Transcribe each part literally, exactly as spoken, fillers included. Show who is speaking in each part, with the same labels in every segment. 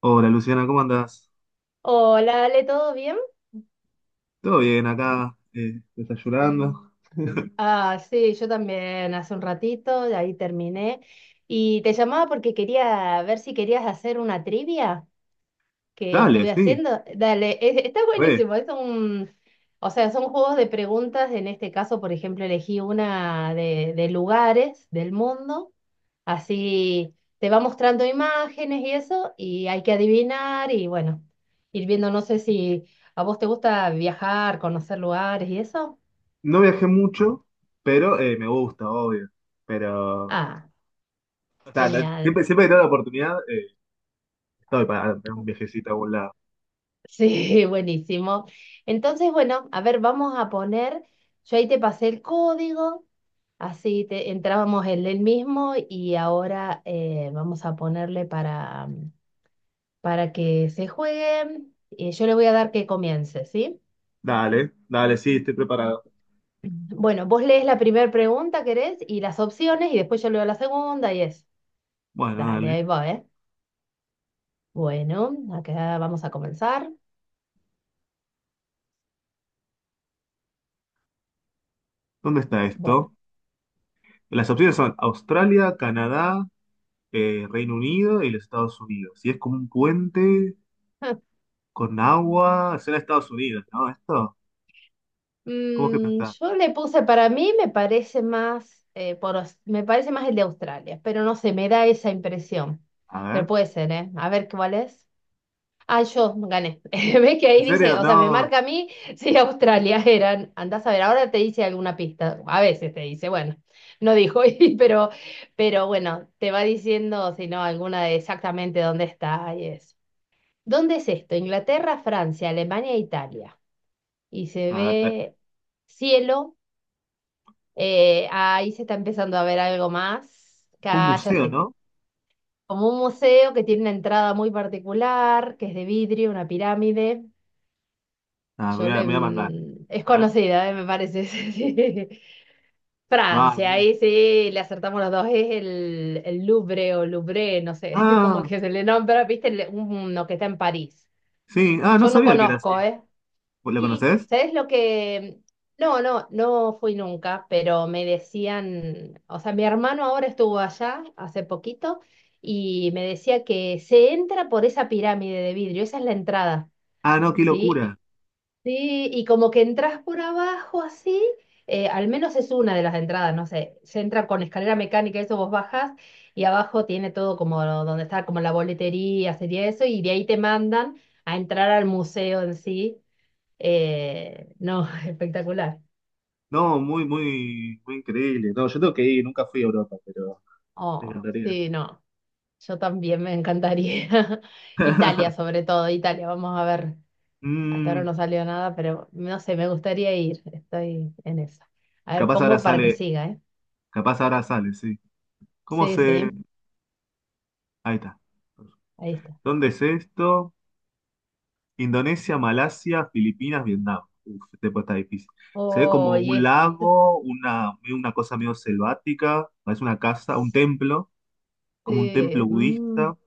Speaker 1: Hola Luciana, ¿cómo andás?
Speaker 2: Hola, Ale, ¿todo bien?
Speaker 1: Todo bien acá, eh, desayunando.
Speaker 2: Ah, sí, yo también hace un ratito, de ahí terminé. Y te llamaba porque quería ver si querías hacer una trivia que
Speaker 1: Dale,
Speaker 2: estuve
Speaker 1: sí,
Speaker 2: haciendo. Dale, es- está
Speaker 1: re.
Speaker 2: buenísimo. Es un, o sea, son juegos de preguntas. En este caso, por ejemplo, elegí una de, de lugares del mundo. Así te va mostrando imágenes y eso, y hay que adivinar y bueno, ir viendo, no sé si a vos te gusta viajar, conocer lugares y eso.
Speaker 1: No viajé mucho, pero eh, me gusta, obvio. Pero
Speaker 2: Ah.
Speaker 1: o ta-
Speaker 2: Genial.
Speaker 1: siempre, siempre que tengo la oportunidad, eh, estoy para para un viajecito a algún lado.
Speaker 2: Sí, buenísimo. Entonces, bueno, a ver, vamos a poner, yo ahí te pasé el código, así te, entrábamos en el mismo y ahora eh, vamos a ponerle para, para que se juegue. Eh, yo le voy a dar que comience, ¿sí?
Speaker 1: Dale, dale, sí, estoy preparado.
Speaker 2: Bueno, vos lees la primera pregunta, ¿querés? Y las opciones y después yo leo la segunda y es.
Speaker 1: Bueno,
Speaker 2: Dale,
Speaker 1: dale.
Speaker 2: ahí va, ¿eh? Bueno, acá vamos a comenzar.
Speaker 1: ¿Dónde está
Speaker 2: Bueno.
Speaker 1: esto? Las opciones son Australia, Canadá, eh, Reino Unido y los Estados Unidos. Si es como un puente con agua, será Estados Unidos, ¿no? Esto, ¿cómo es que
Speaker 2: Mm,
Speaker 1: pensás?
Speaker 2: yo le puse, para mí me parece más, eh, por, Aus- me parece más el de Australia, pero no sé, me da esa impresión.
Speaker 1: A
Speaker 2: Pero
Speaker 1: ver.
Speaker 2: puede ser, ¿eh? A ver cuál es. Ah, yo gané. ¿Ves que ahí
Speaker 1: ¿En
Speaker 2: dice,
Speaker 1: serio?
Speaker 2: o sea, me
Speaker 1: No.
Speaker 2: marca a mí si Australia eran. Andás a ver, ahora te dice alguna pista. A veces te dice, bueno, no dijo, y- pero, pero bueno, te va diciendo, si no, alguna de exactamente dónde está y eso. ¿Dónde es esto? Inglaterra, Francia, Alemania, e Italia. Y se
Speaker 1: A ver, pe-
Speaker 2: ve cielo eh, ahí se está empezando a ver algo más.
Speaker 1: un
Speaker 2: Acá
Speaker 1: museo, ¿no?
Speaker 2: como un museo que tiene una entrada muy particular, que es de vidrio, una pirámide.
Speaker 1: Ah, me
Speaker 2: Yo
Speaker 1: voy a, me
Speaker 2: le...
Speaker 1: voy a mandar.
Speaker 2: mm, es
Speaker 1: A ver.
Speaker 2: conocida, eh, me parece. Sí. Francia,
Speaker 1: Vamos.
Speaker 2: ahí sí, le acertamos los dos. Es el, el Louvre o Louvre, no sé como
Speaker 1: Ah,
Speaker 2: que se le nombra, viste, El- uno que está en París.
Speaker 1: sí. Ah, no
Speaker 2: Yo no
Speaker 1: sabía que era así.
Speaker 2: conozco, ¿eh?
Speaker 1: ¿Lo
Speaker 2: Sí,
Speaker 1: conoces?
Speaker 2: ¿sabes lo que? No, no, no fui nunca, pero me decían, o sea, mi hermano ahora estuvo allá hace poquito y me decía que se entra por esa pirámide de vidrio, esa es la entrada,
Speaker 1: Ah, no, qué
Speaker 2: ¿sí?
Speaker 1: locura.
Speaker 2: Sí, y como que entras por abajo así, eh, al menos es una de las entradas, no sé, se entra con escalera mecánica, eso vos bajas y abajo tiene todo como donde está como la boletería, sería eso, y de ahí te mandan a entrar al museo en sí eh, no, espectacular.
Speaker 1: No, muy, muy, muy increíble. No, yo tengo que ir, nunca fui a Europa, pero me
Speaker 2: Oh,
Speaker 1: encantaría.
Speaker 2: sí, no, yo también me encantaría. Italia, sobre todo, Italia, vamos a ver. Hasta ahora
Speaker 1: Mm,
Speaker 2: no salió nada, pero no sé, me gustaría ir, estoy en eso. A ver,
Speaker 1: capaz ahora
Speaker 2: pongo para que
Speaker 1: sale,
Speaker 2: siga, ¿eh?
Speaker 1: capaz ahora sale, sí. ¿Cómo
Speaker 2: Sí,
Speaker 1: se...?
Speaker 2: sí,
Speaker 1: Ahí está.
Speaker 2: ahí está.
Speaker 1: ¿Dónde es esto? Indonesia, Malasia, Filipinas, Vietnam. Uf, este puesto está difícil. Se ve
Speaker 2: Oh,
Speaker 1: como
Speaker 2: y
Speaker 1: un
Speaker 2: es,
Speaker 1: lago, una, medio una cosa medio selvática, parece una casa, un templo, como un
Speaker 2: sí,
Speaker 1: templo
Speaker 2: mm,
Speaker 1: budista.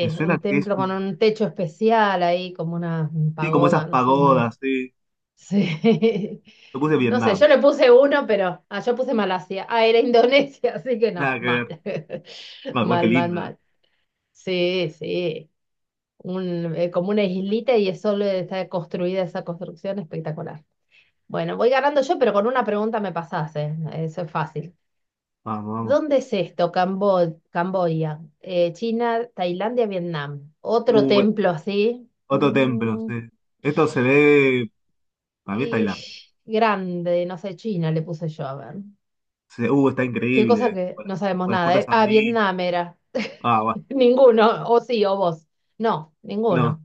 Speaker 1: Me suena
Speaker 2: un
Speaker 1: que es
Speaker 2: templo con
Speaker 1: un...
Speaker 2: un techo especial ahí, como una
Speaker 1: Sí, como esas
Speaker 2: pagoda, no sé cómo les.
Speaker 1: pagodas, sí.
Speaker 2: Sí.
Speaker 1: Yo puse
Speaker 2: No sé, yo
Speaker 1: Vietnam.
Speaker 2: le puse uno, pero ah, yo puse Malasia. Ah, era Indonesia, así que no,
Speaker 1: Nada que
Speaker 2: mal.
Speaker 1: ver. Ah, igual que
Speaker 2: Mal, mal,
Speaker 1: lindo, ¿eh?
Speaker 2: mal. Sí, sí. Un, eh, como una islita y es solo está construida esa construcción espectacular. Bueno, voy ganando yo, pero con una pregunta me pasaste. Eso es fácil.
Speaker 1: Vamos, vamos.
Speaker 2: ¿Dónde es esto? Cambo- Camboya, eh, China, Tailandia, Vietnam. Otro
Speaker 1: Uh, eh,
Speaker 2: templo así.
Speaker 1: otro templo,
Speaker 2: Mm,
Speaker 1: sí. Esto se ve... Para mí es
Speaker 2: y
Speaker 1: Tailandia.
Speaker 2: grande, no sé, China le puse yo, a ver.
Speaker 1: Se- Uh, está
Speaker 2: Qué cosa
Speaker 1: increíble.
Speaker 2: que
Speaker 1: Con las,
Speaker 2: no sabemos
Speaker 1: con las
Speaker 2: nada,
Speaker 1: puertas
Speaker 2: ¿eh? Ah,
Speaker 1: amarillas.
Speaker 2: Vietnam era.
Speaker 1: Ah, bueno.
Speaker 2: Ninguno, o sí, o vos. No,
Speaker 1: No.
Speaker 2: ninguno.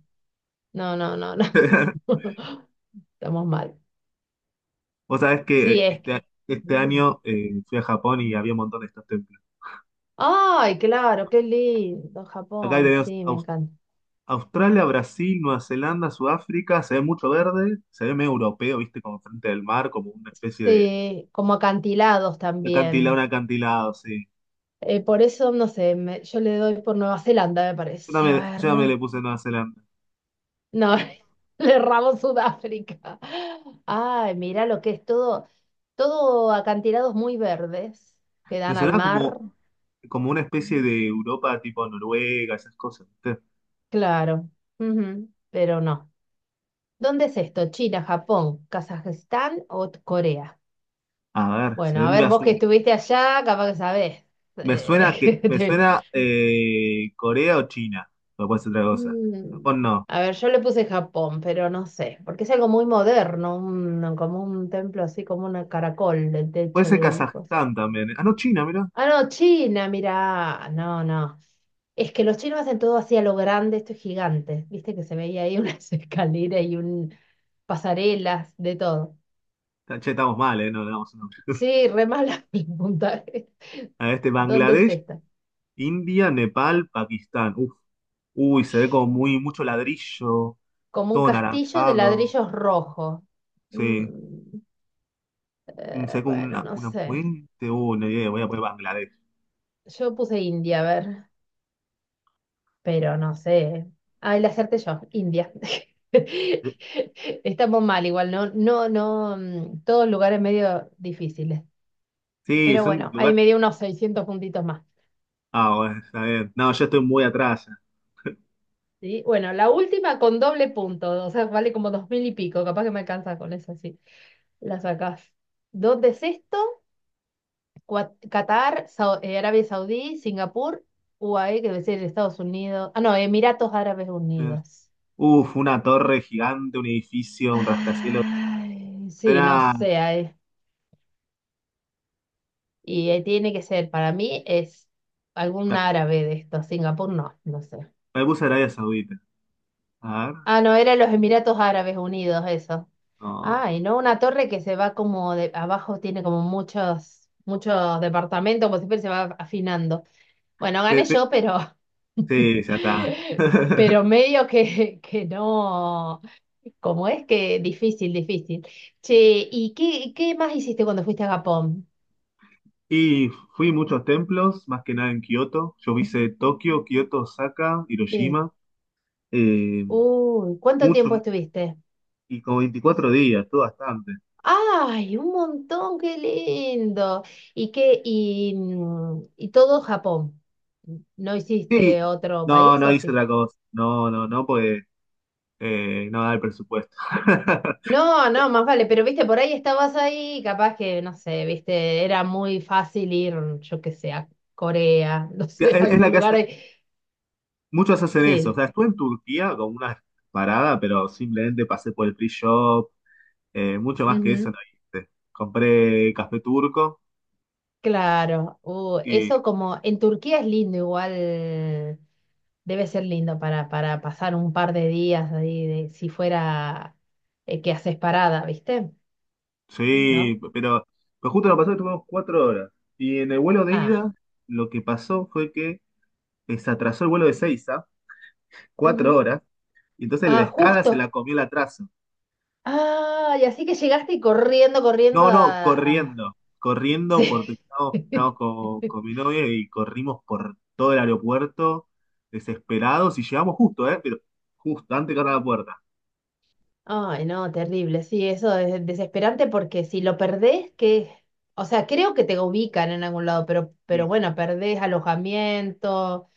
Speaker 2: No, no, no, no. Estamos mal.
Speaker 1: Vos sabés
Speaker 2: Sí,
Speaker 1: que
Speaker 2: es que.
Speaker 1: este, este año eh, fui a Japón y había un montón de estos templos.
Speaker 2: Ay, claro, qué lindo,
Speaker 1: Acá
Speaker 2: Japón,
Speaker 1: tenemos
Speaker 2: sí, me
Speaker 1: Aus-
Speaker 2: encanta.
Speaker 1: Australia, Brasil, Nueva Zelanda, Sudáfrica, se ve mucho verde, se ve medio europeo, viste, como frente del mar, como una especie de
Speaker 2: Sí, como acantilados
Speaker 1: acantilado, un
Speaker 2: también.
Speaker 1: acantilado, sí.
Speaker 2: Eh, por eso, no sé, me- yo le doy por Nueva Zelanda, me
Speaker 1: Yo
Speaker 2: parece. A
Speaker 1: también, yo también
Speaker 2: ver.
Speaker 1: le puse Nueva Zelanda.
Speaker 2: No, le erramos Sudáfrica. Ay, mira lo que es todo, todo acantilados muy verdes que
Speaker 1: Me
Speaker 2: dan al
Speaker 1: sonaba como,
Speaker 2: mar.
Speaker 1: como una especie de Europa tipo Noruega, esas cosas, ¿viste?
Speaker 2: Claro, ujú, pero no. ¿Dónde es esto? ¿China, Japón, Kazajistán o t- Corea?
Speaker 1: A ver, se
Speaker 2: Bueno,
Speaker 1: ve
Speaker 2: a
Speaker 1: muy
Speaker 2: ver, vos que
Speaker 1: azul.
Speaker 2: estuviste allá, capaz que sabés.
Speaker 1: Me suena que,
Speaker 2: Eh,
Speaker 1: me
Speaker 2: te-
Speaker 1: suena eh, Corea o China, pero puede ser otra cosa.
Speaker 2: Mm,
Speaker 1: Japón no.
Speaker 2: A ver, yo le puse Japón, pero no sé, porque es algo muy moderno, un- como un templo así como un caracol, el
Speaker 1: Puede
Speaker 2: techo
Speaker 1: ser
Speaker 2: del coso.
Speaker 1: Kazajstán también. ¿Eh? Ah, no, China, mira.
Speaker 2: Ah, no, China, mira, no, no. Es que los chinos hacen todo así a lo grande, esto es gigante. Viste que se veía ahí unas escaleras y un pasarelas, de todo.
Speaker 1: Che, estamos mal, ¿eh? No le damos un nombre.
Speaker 2: Sí, re mala el puntaje.
Speaker 1: A este
Speaker 2: ¿Dónde es
Speaker 1: Bangladesh,
Speaker 2: esta?
Speaker 1: India, Nepal, Pakistán. Uf. Uy, se ve como muy mucho ladrillo,
Speaker 2: Como un
Speaker 1: todo
Speaker 2: castillo de
Speaker 1: naranjado.
Speaker 2: ladrillos rojos.
Speaker 1: Sí.
Speaker 2: Mm,
Speaker 1: Mm, se
Speaker 2: eh,
Speaker 1: ve como
Speaker 2: bueno,
Speaker 1: una,
Speaker 2: no
Speaker 1: una
Speaker 2: sé.
Speaker 1: puente. Uh, no idea, voy a poner Bangladesh.
Speaker 2: Yo puse India, a ver. Pero no sé. Ah, el hacerte yo, India. Estamos mal igual, ¿no? No, no, mm, todos lugares medio difíciles.
Speaker 1: Sí,
Speaker 2: Pero
Speaker 1: son
Speaker 2: bueno, ahí
Speaker 1: lugares.
Speaker 2: me dio unos seiscientos puntitos más.
Speaker 1: Ah, bueno, está bien. No, yo estoy muy atrás. Eh,
Speaker 2: ¿Sí? Bueno, la última con doble punto, o sea, vale como dos mil y pico, capaz que me alcanza con eso, sí. La sacás. Dos de sexto, Cua- Qatar, Sau- eh, Arabia Saudí, Singapur, U A E, que debe ser Estados Unidos. Ah, no, Emiratos Árabes Unidos.
Speaker 1: Uf, una torre gigante, un edificio, un rascacielos.
Speaker 2: Ay, sí, no
Speaker 1: Era.
Speaker 2: sé. Ay. Y eh, tiene que ser, para mí es algún árabe de estos. Singapur no, no sé.
Speaker 1: Me puse Arabia Saudita. A ver.
Speaker 2: Ah, no, eran los Emiratos Árabes Unidos, eso.
Speaker 1: No.
Speaker 2: Ah, y no una torre que se va como de abajo, tiene como muchos, muchos departamentos, como siempre se va afinando. Bueno,
Speaker 1: Pe-
Speaker 2: gané
Speaker 1: pe-
Speaker 2: yo, pero,
Speaker 1: sí, ya está.
Speaker 2: pero medio que, que no, como es que difícil, difícil. Che, ¿y qué, qué más hiciste cuando fuiste a Japón?
Speaker 1: Y fui a muchos templos, más que nada en Kioto. Yo hice Tokio, Kioto, Osaka,
Speaker 2: Sí.
Speaker 1: Hiroshima. eh,
Speaker 2: Uy, ¿cuánto
Speaker 1: mucho,
Speaker 2: tiempo estuviste?
Speaker 1: y como veinticuatro días, todo bastante.
Speaker 2: Ay, un montón, qué lindo. ¿Y qué? Y, mm, y todo Japón. ¿No
Speaker 1: Sí,
Speaker 2: hiciste otro
Speaker 1: no,
Speaker 2: país
Speaker 1: no
Speaker 2: o
Speaker 1: hice
Speaker 2: sí?
Speaker 1: otra cosa. No, no, no, porque eh, no da el presupuesto.
Speaker 2: No, no, más vale, pero viste, por ahí estabas ahí, capaz que, no sé, viste, era muy fácil ir, yo qué sé, a Corea, no sé, a
Speaker 1: Es, es
Speaker 2: algún
Speaker 1: la que
Speaker 2: lugar
Speaker 1: hace-
Speaker 2: ahí.
Speaker 1: muchos hacen eso. O
Speaker 2: Sí,
Speaker 1: sea, estuve en Turquía con una parada, pero simplemente pasé por el free shop. eh, mucho más que eso no
Speaker 2: ujú,
Speaker 1: hice. Compré café turco.
Speaker 2: claro. Uh, eso como, en Turquía es lindo igual, debe ser lindo para, para pasar un par de días ahí, de, si fuera eh, que haces parada, ¿viste?
Speaker 1: Sí,
Speaker 2: ¿No?
Speaker 1: pero, pero justo lo pasó que tuvimos cuatro horas. Y en el vuelo de
Speaker 2: Ah,
Speaker 1: ida, lo que pasó fue que eh, se atrasó el vuelo de Seiza, cuatro
Speaker 2: ujú.
Speaker 1: horas, y entonces la
Speaker 2: Ah,
Speaker 1: escala se la
Speaker 2: justo.
Speaker 1: comió el atraso.
Speaker 2: Ah, y así que llegaste corriendo, corriendo
Speaker 1: No, no,
Speaker 2: a... a-
Speaker 1: corriendo, corriendo
Speaker 2: Sí.
Speaker 1: porque estábamos, estábamos con, con mi novia y corrimos por todo el aeropuerto desesperados y llegamos justo, ¿eh? Pero justo, antes de cerrar la puerta.
Speaker 2: Ay, no, terrible. Sí, eso es desesperante porque si lo perdés, que... O sea, creo que te ubican en algún lado, pero, pero
Speaker 1: Sí,
Speaker 2: bueno, perdés alojamiento,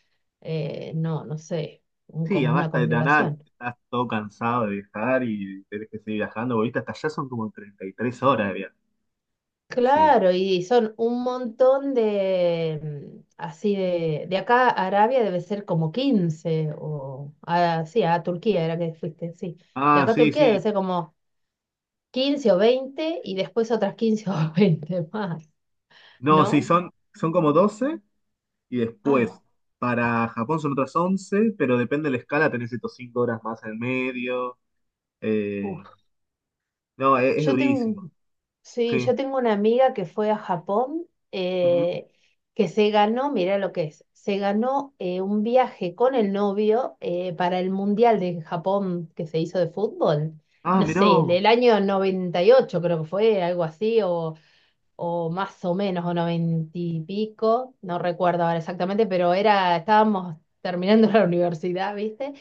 Speaker 2: eh, no, no sé, un-
Speaker 1: sí,
Speaker 2: como
Speaker 1: además
Speaker 2: una
Speaker 1: de la nada,
Speaker 2: complicación.
Speaker 1: estás todo cansado de viajar y tenés que seguir viajando, porque viste, hasta allá son como treinta y tres horas de viaje. Sí.
Speaker 2: Claro, y son un montón de, mm, así de, de acá a Arabia debe ser como quince o a, sí, a Turquía era que fuiste, sí. De
Speaker 1: Ah,
Speaker 2: acá a
Speaker 1: sí,
Speaker 2: Turquía
Speaker 1: sí.
Speaker 2: debe ser como quince o veinte y después otras quince o veinte más,
Speaker 1: No, sí,
Speaker 2: ¿no?
Speaker 1: son, son como doce y después
Speaker 2: Ah,
Speaker 1: para Japón son otras once, pero depende de la escala, tenés estos cinco horas más en el medio. Eh,
Speaker 2: uf.
Speaker 1: no, es, es
Speaker 2: Yo tengo,
Speaker 1: durísimo.
Speaker 2: sí,
Speaker 1: Sí.
Speaker 2: yo tengo una amiga que fue a Japón,
Speaker 1: Ujú.
Speaker 2: eh, que se ganó, mira lo que es, se ganó eh, un viaje con el novio eh, para el Mundial de Japón que se hizo de fútbol.
Speaker 1: Ah,
Speaker 2: No
Speaker 1: mirá
Speaker 2: sé, el
Speaker 1: vos.
Speaker 2: el año noventa y ocho, creo que fue, algo así, o o más o menos, o noventa y pico, no recuerdo ahora exactamente, pero era, estábamos terminando la universidad, ¿viste?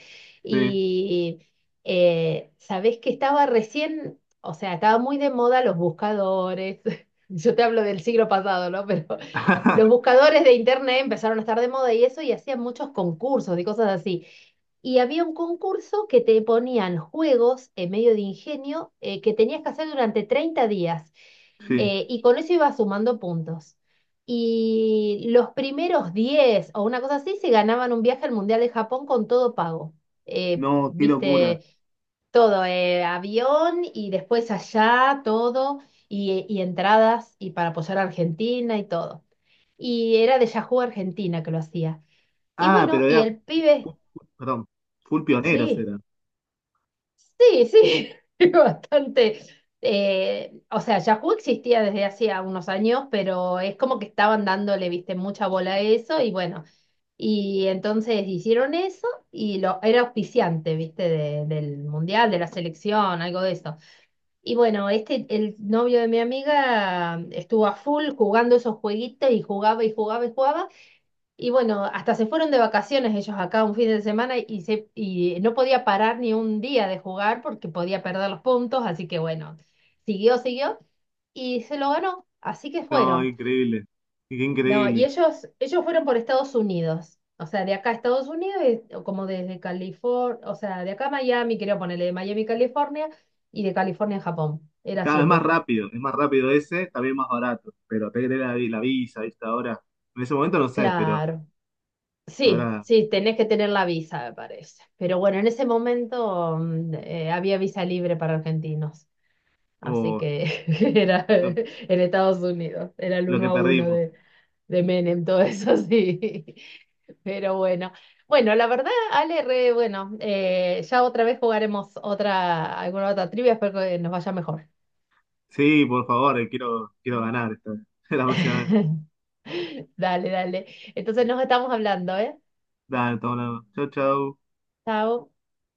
Speaker 1: Sí.
Speaker 2: Y eh, sabés que estaba recién, o sea, estaba muy de moda los buscadores. Yo te hablo del siglo pasado, ¿no? Pero los buscadores de internet empezaron a estar de moda y eso, y hacían muchos concursos y cosas así. Y había un concurso que te ponían juegos en medio de ingenio eh, que tenías que hacer durante treinta días.
Speaker 1: Sí.
Speaker 2: Eh, y con eso ibas sumando puntos. Y los primeros diez o una cosa así se ganaban un viaje al Mundial de Japón con todo pago. Eh,
Speaker 1: No, qué locura.
Speaker 2: viste, todo, eh, avión y después allá, todo, y, y entradas y para apoyar a Argentina y todo. Y era de Yahoo Argentina que lo hacía. Y
Speaker 1: Ah,
Speaker 2: bueno,
Speaker 1: pero
Speaker 2: y
Speaker 1: ya,
Speaker 2: el pibe,
Speaker 1: fu- fu- perdón, full pioneros
Speaker 2: sí.
Speaker 1: era.
Speaker 2: Sí, sí, bastante. Eh, o sea, Yahoo existía desde hacía unos años, pero es como que estaban dándole, viste, mucha bola a eso y bueno, y entonces hicieron eso y lo, era auspiciante, viste, de- del mundial, de la selección, algo de eso. Y bueno, este, el novio de mi amiga estuvo a full jugando esos jueguitos y jugaba y jugaba y jugaba. Y bueno, hasta se fueron de vacaciones ellos acá un fin de semana y, se, y no podía parar ni un día de jugar porque podía perder los puntos, así que bueno, siguió, siguió y se lo ganó, así que
Speaker 1: No,
Speaker 2: fueron.
Speaker 1: increíble. Qué
Speaker 2: No, y
Speaker 1: increíble.
Speaker 2: ellos, ellos fueron por Estados Unidos, o sea, de acá a Estados Unidos, y- o como desde California, o sea, de acá a Miami, quería ponerle de Miami, California, y de California a Japón, era
Speaker 1: Cada
Speaker 2: así
Speaker 1: vez
Speaker 2: el
Speaker 1: más
Speaker 2: viaje.
Speaker 1: rápido, es más rápido ese, también más barato. Pero te que la, vi- la visa, ¿viste? Ahora, en ese momento no sé, pero
Speaker 2: Claro. Sí,
Speaker 1: ahora,
Speaker 2: sí, tenés que tener la visa, me parece. Pero bueno, en ese momento mm, eh, había visa libre para argentinos, así
Speaker 1: oh,
Speaker 2: que era
Speaker 1: lo,
Speaker 2: eh, en Estados Unidos, era el
Speaker 1: lo
Speaker 2: uno
Speaker 1: que
Speaker 2: a uno
Speaker 1: perdimos.
Speaker 2: de, de Menem, todo eso sí. Pero bueno, bueno, la verdad, Ale, re, bueno, eh, ya otra vez jugaremos otra, alguna otra trivia, espero que nos vaya mejor.
Speaker 1: Sí, por favor, eh, quiero, quiero ganar esta, la próxima vez.
Speaker 2: Dale, dale. Entonces nos estamos hablando, ¿eh?
Speaker 1: Dale, toma la Chau, chau.
Speaker 2: Chao.